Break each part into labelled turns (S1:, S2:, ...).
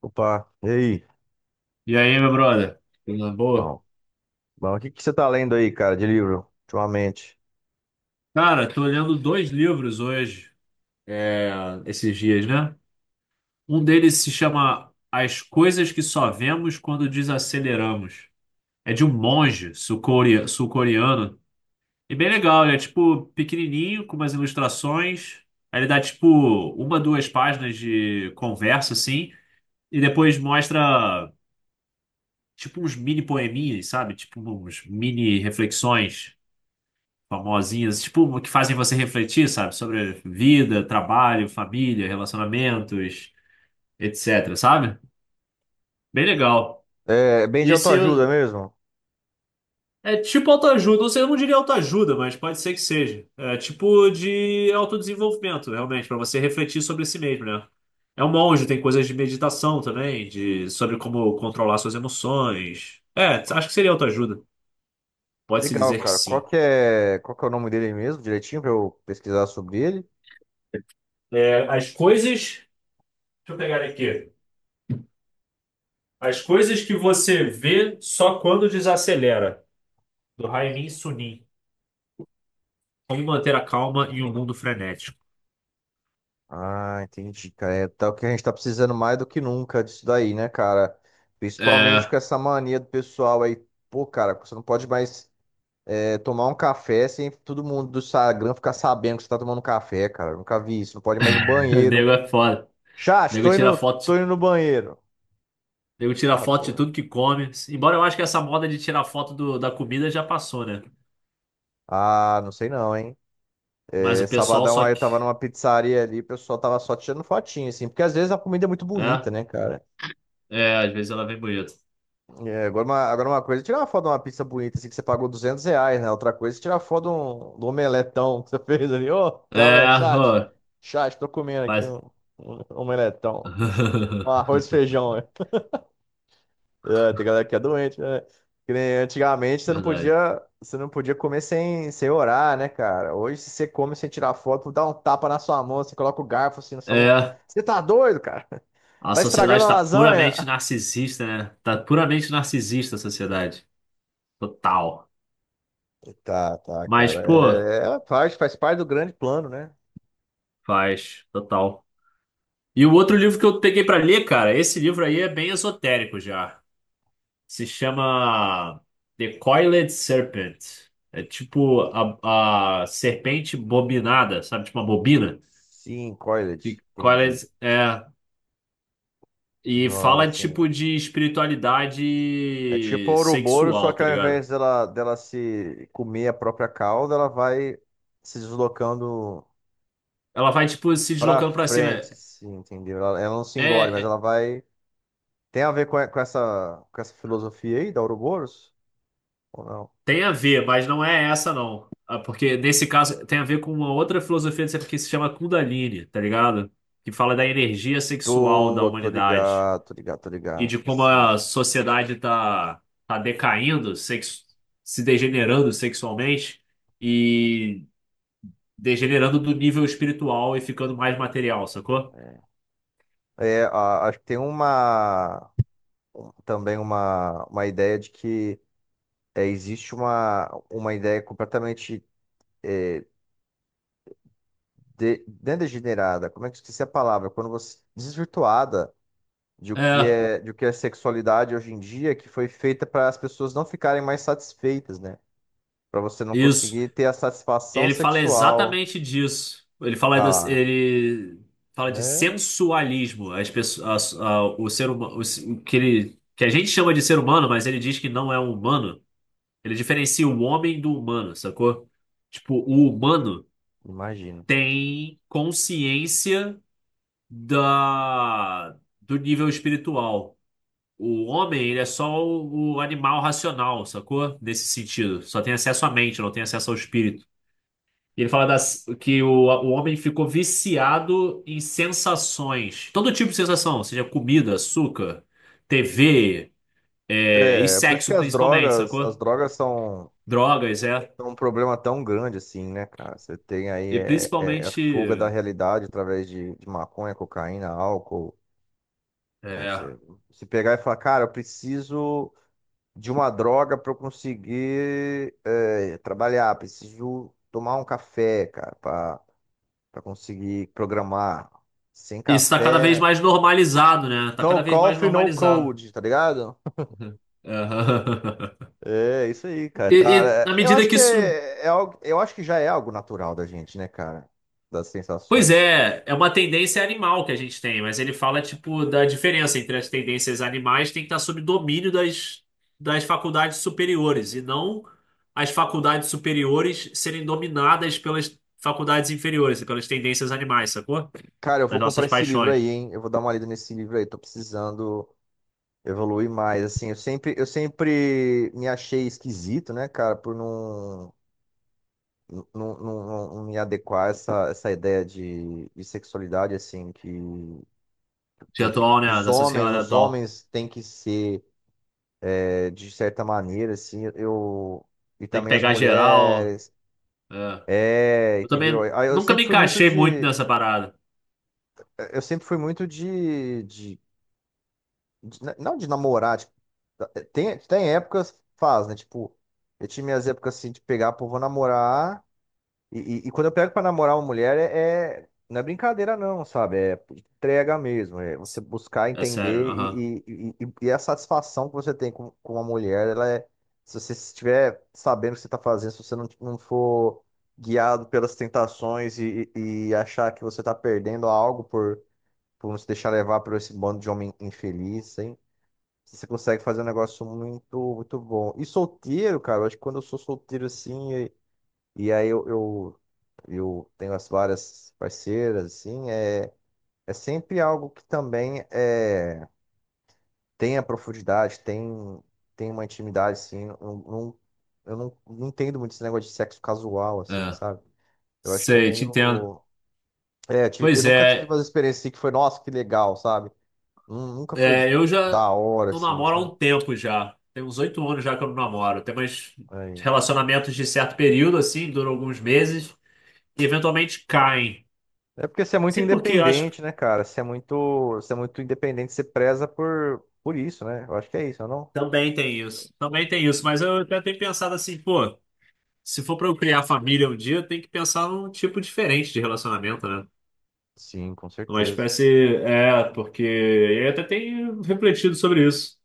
S1: Opa, e aí?
S2: E aí, meu brother? Tudo na boa?
S1: Bom, bom, o que que você tá lendo aí, cara, de livro, ultimamente?
S2: Cara, tô lendo dois livros hoje, é, esses dias, né? Um deles se chama As Coisas que Só Vemos Quando Desaceleramos. É de um monge sul-coreano. E bem legal, ele é tipo pequenininho, com umas ilustrações. Aí ele dá tipo uma, duas páginas de conversa, assim. E depois mostra tipo uns mini poeminhas, sabe? Tipo uns mini reflexões famosinhas, tipo, que fazem você refletir, sabe? Sobre vida, trabalho, família, relacionamentos, etc, sabe? Bem legal.
S1: É bem de
S2: E se
S1: autoajuda
S2: eu-
S1: mesmo?
S2: É tipo autoajuda, ou seja, eu não diria autoajuda, mas pode ser que seja. É tipo de autodesenvolvimento, realmente, para você refletir sobre si mesmo, né? É um monge, tem coisas de meditação também, de sobre como controlar suas emoções. É, acho que seria autoajuda. Pode-se
S1: Legal,
S2: dizer que
S1: cara. Qual
S2: sim.
S1: que é, qual que é o nome dele mesmo, direitinho, pra eu pesquisar sobre ele?
S2: É, as coisas. Deixa eu pegar aqui. As coisas que você vê só quando desacelera, do Raimin Sunim. Como manter a calma em um mundo frenético.
S1: Ah, entendi, cara. É tal que a gente tá precisando mais do que nunca disso daí, né, cara? Principalmente
S2: É,
S1: com essa mania do pessoal aí. Pô, cara, você não pode mais tomar um café sem todo mundo do Instagram ficar sabendo que você tá tomando café, cara. Eu nunca vi isso. Não pode mais ir no
S2: o
S1: banheiro.
S2: nego é foda. O
S1: Chat,
S2: nego
S1: tô
S2: tira
S1: indo,
S2: foto,
S1: tô indo no banheiro.
S2: nego tira
S1: Ah,
S2: foto de
S1: doido.
S2: tudo que come. Embora eu acho que essa moda de tirar foto da comida já passou, né?
S1: Ah, não sei não, hein?
S2: Mas
S1: É,
S2: o pessoal
S1: sabadão
S2: só
S1: aí eu
S2: que.
S1: tava numa pizzaria ali, o pessoal tava só tirando fotinho, assim, porque às vezes a comida é muito bonita,
S2: É,
S1: né, cara?
S2: é, às vezes ela vem bonita.
S1: É, agora, agora uma coisa é tirar uma foto de uma pizza bonita, assim, que você pagou R$ 200, né? Outra coisa é tirar foto do omeletão que você fez ali. Ô, galera,
S2: É,
S1: chat,
S2: ó,
S1: chat, tô comendo aqui um,
S2: mas.
S1: um um omeletão, um arroz e feijão. É, tem galera que é doente, né? Que nem antigamente você não
S2: Verdade.
S1: podia, você não podia comer sem orar, né, cara? Hoje, se você come sem tirar foto, dá um tapa na sua mão, você coloca o garfo assim na sua mão.
S2: É,
S1: Você tá doido, cara?
S2: a
S1: Tá estragando
S2: sociedade
S1: a
S2: tá
S1: lasanha?
S2: puramente narcisista, né? Tá puramente narcisista a sociedade. Total.
S1: Tá,
S2: Mas,
S1: cara.
S2: pô,
S1: É, faz parte do grande plano, né?
S2: faz, total. E o outro
S1: Tem-
S2: livro que eu peguei pra ler, cara, esse livro aí é bem esotérico já. Se chama The Coiled Serpent. É tipo a serpente bobinada, sabe? Tipo uma bobina.
S1: Sim, coiled,
S2: E
S1: entendi.
S2: Coiled é. E
S1: Enrolado
S2: fala
S1: assim.
S2: tipo de
S1: É tipo a
S2: espiritualidade
S1: Ouroboros, só
S2: sexual,
S1: que
S2: tá
S1: ao
S2: ligado?
S1: invés dela se comer a própria cauda, ela vai se deslocando.
S2: Ela vai tipo se
S1: Pra
S2: deslocando pra cima.
S1: frente, sim, entendeu? Ela não se
S2: É,
S1: engole, mas
S2: é,
S1: ela vai. Tem a ver com essa filosofia aí da Ouroboros? Ou não?
S2: Tem a ver, mas não é essa, não. Ah, porque nesse caso tem a ver com uma outra filosofia que se chama Kundalini, tá ligado? Que fala da energia sexual da
S1: Tô, tô
S2: humanidade
S1: ligado, tô ligado, tô
S2: e
S1: ligado.
S2: de como
S1: Sim.
S2: a sociedade tá decaindo, se degenerando sexualmente e degenerando do nível espiritual e ficando mais material, sacou?
S1: É, É, acho que tem uma. Também uma ideia de que existe uma ideia completamente é, não é degenerada, como é que eu esqueci a palavra? Quando você desvirtuada de o que
S2: É,
S1: é, de o que é sexualidade hoje em dia, que foi feita para as pessoas não ficarem mais satisfeitas, né? Pra você não
S2: isso.
S1: conseguir ter a satisfação
S2: Ele fala
S1: sexual.
S2: exatamente disso. Ele fala das,
S1: Ah,
S2: ele fala de
S1: é,
S2: sensualismo. As pessoas, o ser humano, o, se- o que ele, que a gente chama de ser humano, mas ele diz que não é um humano. Ele diferencia o homem do humano, sacou? Tipo, o humano
S1: imagino.
S2: tem consciência da, do nível espiritual. O homem, ele é só o animal racional, sacou? Nesse sentido. Só tem acesso à mente, não tem acesso ao espírito. E ele fala das, que o homem ficou viciado em sensações. Todo tipo de sensação, seja comida, açúcar, TV, é, e
S1: É, por isso que
S2: sexo
S1: as
S2: principalmente,
S1: drogas, as
S2: sacou?
S1: drogas são,
S2: Drogas, é.
S1: são um problema tão grande assim, né, cara? Você tem aí
S2: E
S1: a fuga da
S2: principalmente.
S1: realidade através de maconha, cocaína, álcool. Né?
S2: é,
S1: Você se pegar e falar, cara, eu preciso de uma droga pra eu conseguir trabalhar, preciso tomar um café, cara, pra conseguir programar. Sem
S2: isso tá cada vez
S1: café.
S2: mais normalizado, né? Tá
S1: No
S2: cada vez mais
S1: coffee, no
S2: normalizado.
S1: code, tá ligado? É isso aí, cara.
S2: E,
S1: Tá,
S2: e na
S1: eu
S2: medida
S1: acho
S2: que
S1: que
S2: isso.
S1: é algo, eu acho que já é algo natural da gente, né, cara? Das
S2: Pois
S1: sensações.
S2: é, é uma tendência animal que a gente tem, mas ele fala, tipo, da diferença entre as tendências animais tem que estar sob domínio das, das faculdades superiores, e não as faculdades superiores serem dominadas pelas faculdades inferiores e pelas tendências animais, sacou?
S1: Cara, eu
S2: Das
S1: vou
S2: nossas
S1: comprar esse livro
S2: paixões.
S1: aí, hein? Eu vou dar uma lida nesse livro aí. Tô precisando evoluir mais, assim. Eu sempre me achei esquisito, né, cara, por não me adequar a essa ideia de sexualidade, assim, que,
S2: De
S1: pô,
S2: atual,
S1: que
S2: né?
S1: os
S2: Da
S1: homens,
S2: sociedade
S1: os
S2: atual.
S1: homens têm que ser. É, de certa maneira, assim, eu. E
S2: Tem que
S1: também as
S2: pegar geral.
S1: mulheres.
S2: É.
S1: É,
S2: Eu
S1: entendeu?
S2: também
S1: Aí eu
S2: nunca
S1: sempre
S2: me
S1: fui muito
S2: encaixei muito
S1: de.
S2: nessa parada.
S1: Eu sempre fui muito de. Não de namorar. Tipo, tem épocas, faz, né? Tipo, eu tinha minhas épocas assim de pegar, pô, vou namorar. E, e quando eu pego pra namorar uma mulher, não é brincadeira não, sabe? É entrega mesmo. É você buscar
S2: É sério,
S1: entender
S2: aham.
S1: e a satisfação que você tem com uma mulher, ela é. Se você estiver sabendo o que você está fazendo, se você não for guiado pelas tentações e achar que você está perdendo algo por não se deixar levar por esse bando de homem infeliz, hein? Você consegue fazer um negócio muito, muito bom. E solteiro, cara, eu acho que quando eu sou solteiro assim. E aí eu tenho as várias parceiras, assim, é sempre algo que também tem a profundidade, tem uma intimidade, assim, eu não entendo muito esse negócio de sexo casual, assim,
S2: É.
S1: sabe? Eu acho que é
S2: Sei, te entendo.
S1: meio... É, eu
S2: Pois
S1: nunca tive
S2: é.
S1: umas experiências assim que foi, nossa, que legal, sabe? Nunca foi
S2: É, eu já
S1: da hora,
S2: não
S1: assim,
S2: namoro há
S1: sabe?
S2: um tempo já. Tem uns 8 anos já que eu não namoro. Tem mais
S1: Aí.
S2: relacionamentos de certo período, assim, duram alguns meses e eventualmente caem.
S1: É porque você é muito
S2: Sei por quê, eu acho que
S1: independente, né, cara? Você é muito independente, você preza por isso, né? Eu acho que é isso, não?
S2: também tem isso. Também tem isso, mas eu até tenho pensado assim, pô, se for pra eu criar família um dia, eu tenho que pensar num tipo diferente de relacionamento, né?
S1: Sim, com
S2: É uma
S1: certeza.
S2: espécie. É, porque eu até tenho refletido sobre isso.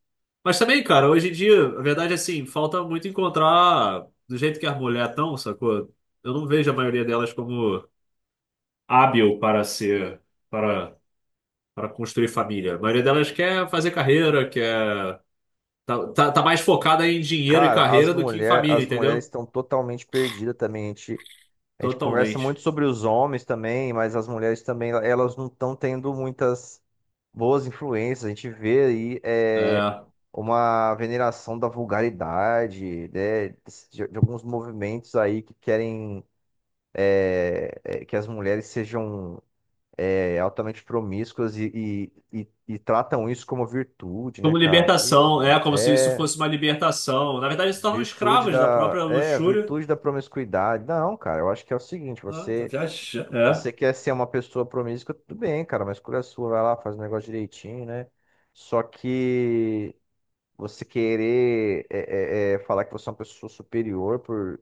S2: Mas também, cara, hoje em dia, a verdade é assim, falta muito encontrar do jeito que as mulheres estão, sacou? Eu não vejo a maioria delas como hábil para ser, para, para construir família. A maioria delas quer fazer carreira, quer. Tá mais focada em dinheiro e
S1: Cara,
S2: carreira do que em família,
S1: as mulheres
S2: entendeu?
S1: estão totalmente perdidas também. A gente conversa muito
S2: Totalmente.
S1: sobre os homens também, mas as mulheres também, elas não estão tendo muitas boas influências. A gente vê aí
S2: É.
S1: uma veneração da vulgaridade, né, de alguns movimentos aí que querem que as mulheres sejam altamente promíscuas e tratam isso como virtude, né,
S2: Como
S1: cara? Sei.
S2: libertação, é como se isso
S1: É.
S2: fosse uma libertação. Na verdade, eles se tornam
S1: Virtude
S2: escravos da
S1: da.
S2: própria
S1: É,
S2: luxúria.
S1: virtude da promiscuidade. Não, cara, eu acho que é o seguinte,
S2: Ah, tá
S1: você.
S2: viajando. É,
S1: Você quer ser uma pessoa promíscua, tudo bem, cara, mas escolha sua, vai lá, faz o negócio direitinho, né? Só que você querer falar que você é uma pessoa superior por,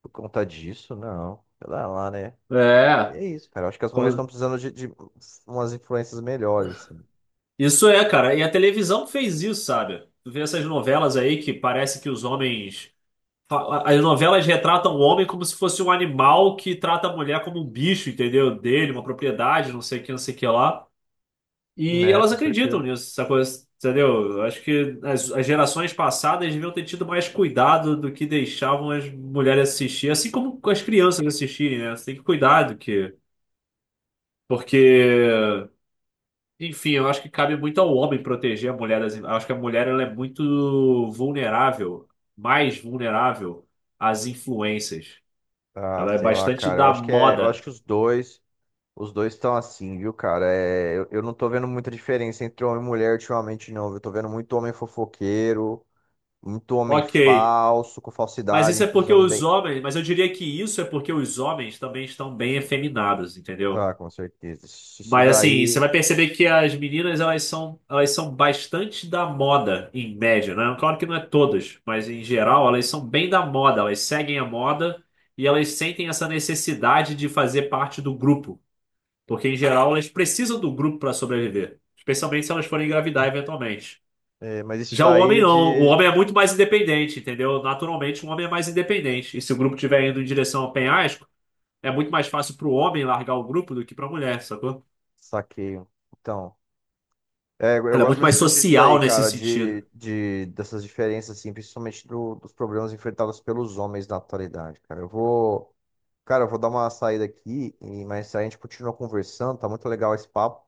S1: por conta disso, não. Sei lá, né? E
S2: é.
S1: é isso, cara. Eu acho que as mulheres
S2: Como-
S1: estão precisando de umas influências melhores, assim.
S2: Isso é, cara. E a televisão fez isso, sabe? Tu vê essas novelas aí que parece que os homens. Fa- As novelas retratam o homem como se fosse um animal que trata a mulher como um bicho, entendeu? Dele, uma propriedade, não sei o que, não sei o que lá. E
S1: Né,
S2: elas
S1: com
S2: acreditam
S1: certeza.
S2: nisso, essa coisa, entendeu? Eu acho que as gerações passadas deviam ter tido mais cuidado do que deixavam as mulheres assistir, assim como as crianças assistirem, né? Você tem que cuidar do que. Porque. Enfim, eu acho que cabe muito ao homem proteger a mulher das. Eu acho que a mulher ela é muito vulnerável, mais vulnerável às influências.
S1: Ah,
S2: Ela é
S1: sei lá,
S2: bastante
S1: cara. Eu
S2: da
S1: acho que é, eu acho
S2: moda.
S1: que os dois. Os dois estão assim, viu, cara? É, eu não tô vendo muita diferença entre homem e mulher ultimamente, não, viu? Eu tô vendo muito homem fofoqueiro, muito homem
S2: Ok.
S1: falso, com
S2: Mas
S1: falsidade,
S2: isso é
S1: entre os
S2: porque
S1: homens
S2: os
S1: bem.
S2: homens. Mas eu diria que isso é porque os homens também estão bem efeminados, entendeu?
S1: Ah, com certeza. Isso
S2: Mas assim, você
S1: daí.
S2: vai perceber que as meninas elas são bastante da moda, em média, né? Claro que não é todas, mas em geral elas são bem da moda, elas seguem a moda e elas sentem essa necessidade de fazer parte do grupo, porque em geral elas precisam do grupo para sobreviver, especialmente se elas forem engravidar eventualmente.
S1: É, mas isso
S2: Já o homem
S1: daí
S2: não, o
S1: de.
S2: homem é muito mais independente, entendeu? Naturalmente, o homem é mais independente. E se o grupo estiver indo em direção ao penhasco, é muito mais fácil para o homem largar o grupo do que para a mulher, sacou?
S1: Saqueio. Então. É, eu
S2: Ela é
S1: gosto
S2: muito
S1: muito de
S2: mais
S1: discutir isso
S2: social
S1: daí,
S2: nesse
S1: cara,
S2: sentido.
S1: dessas diferenças, assim, principalmente dos problemas enfrentados pelos homens na atualidade, cara. Eu vou. Cara, eu vou dar uma saída aqui, e mais tarde a gente continua conversando, tá muito legal esse papo.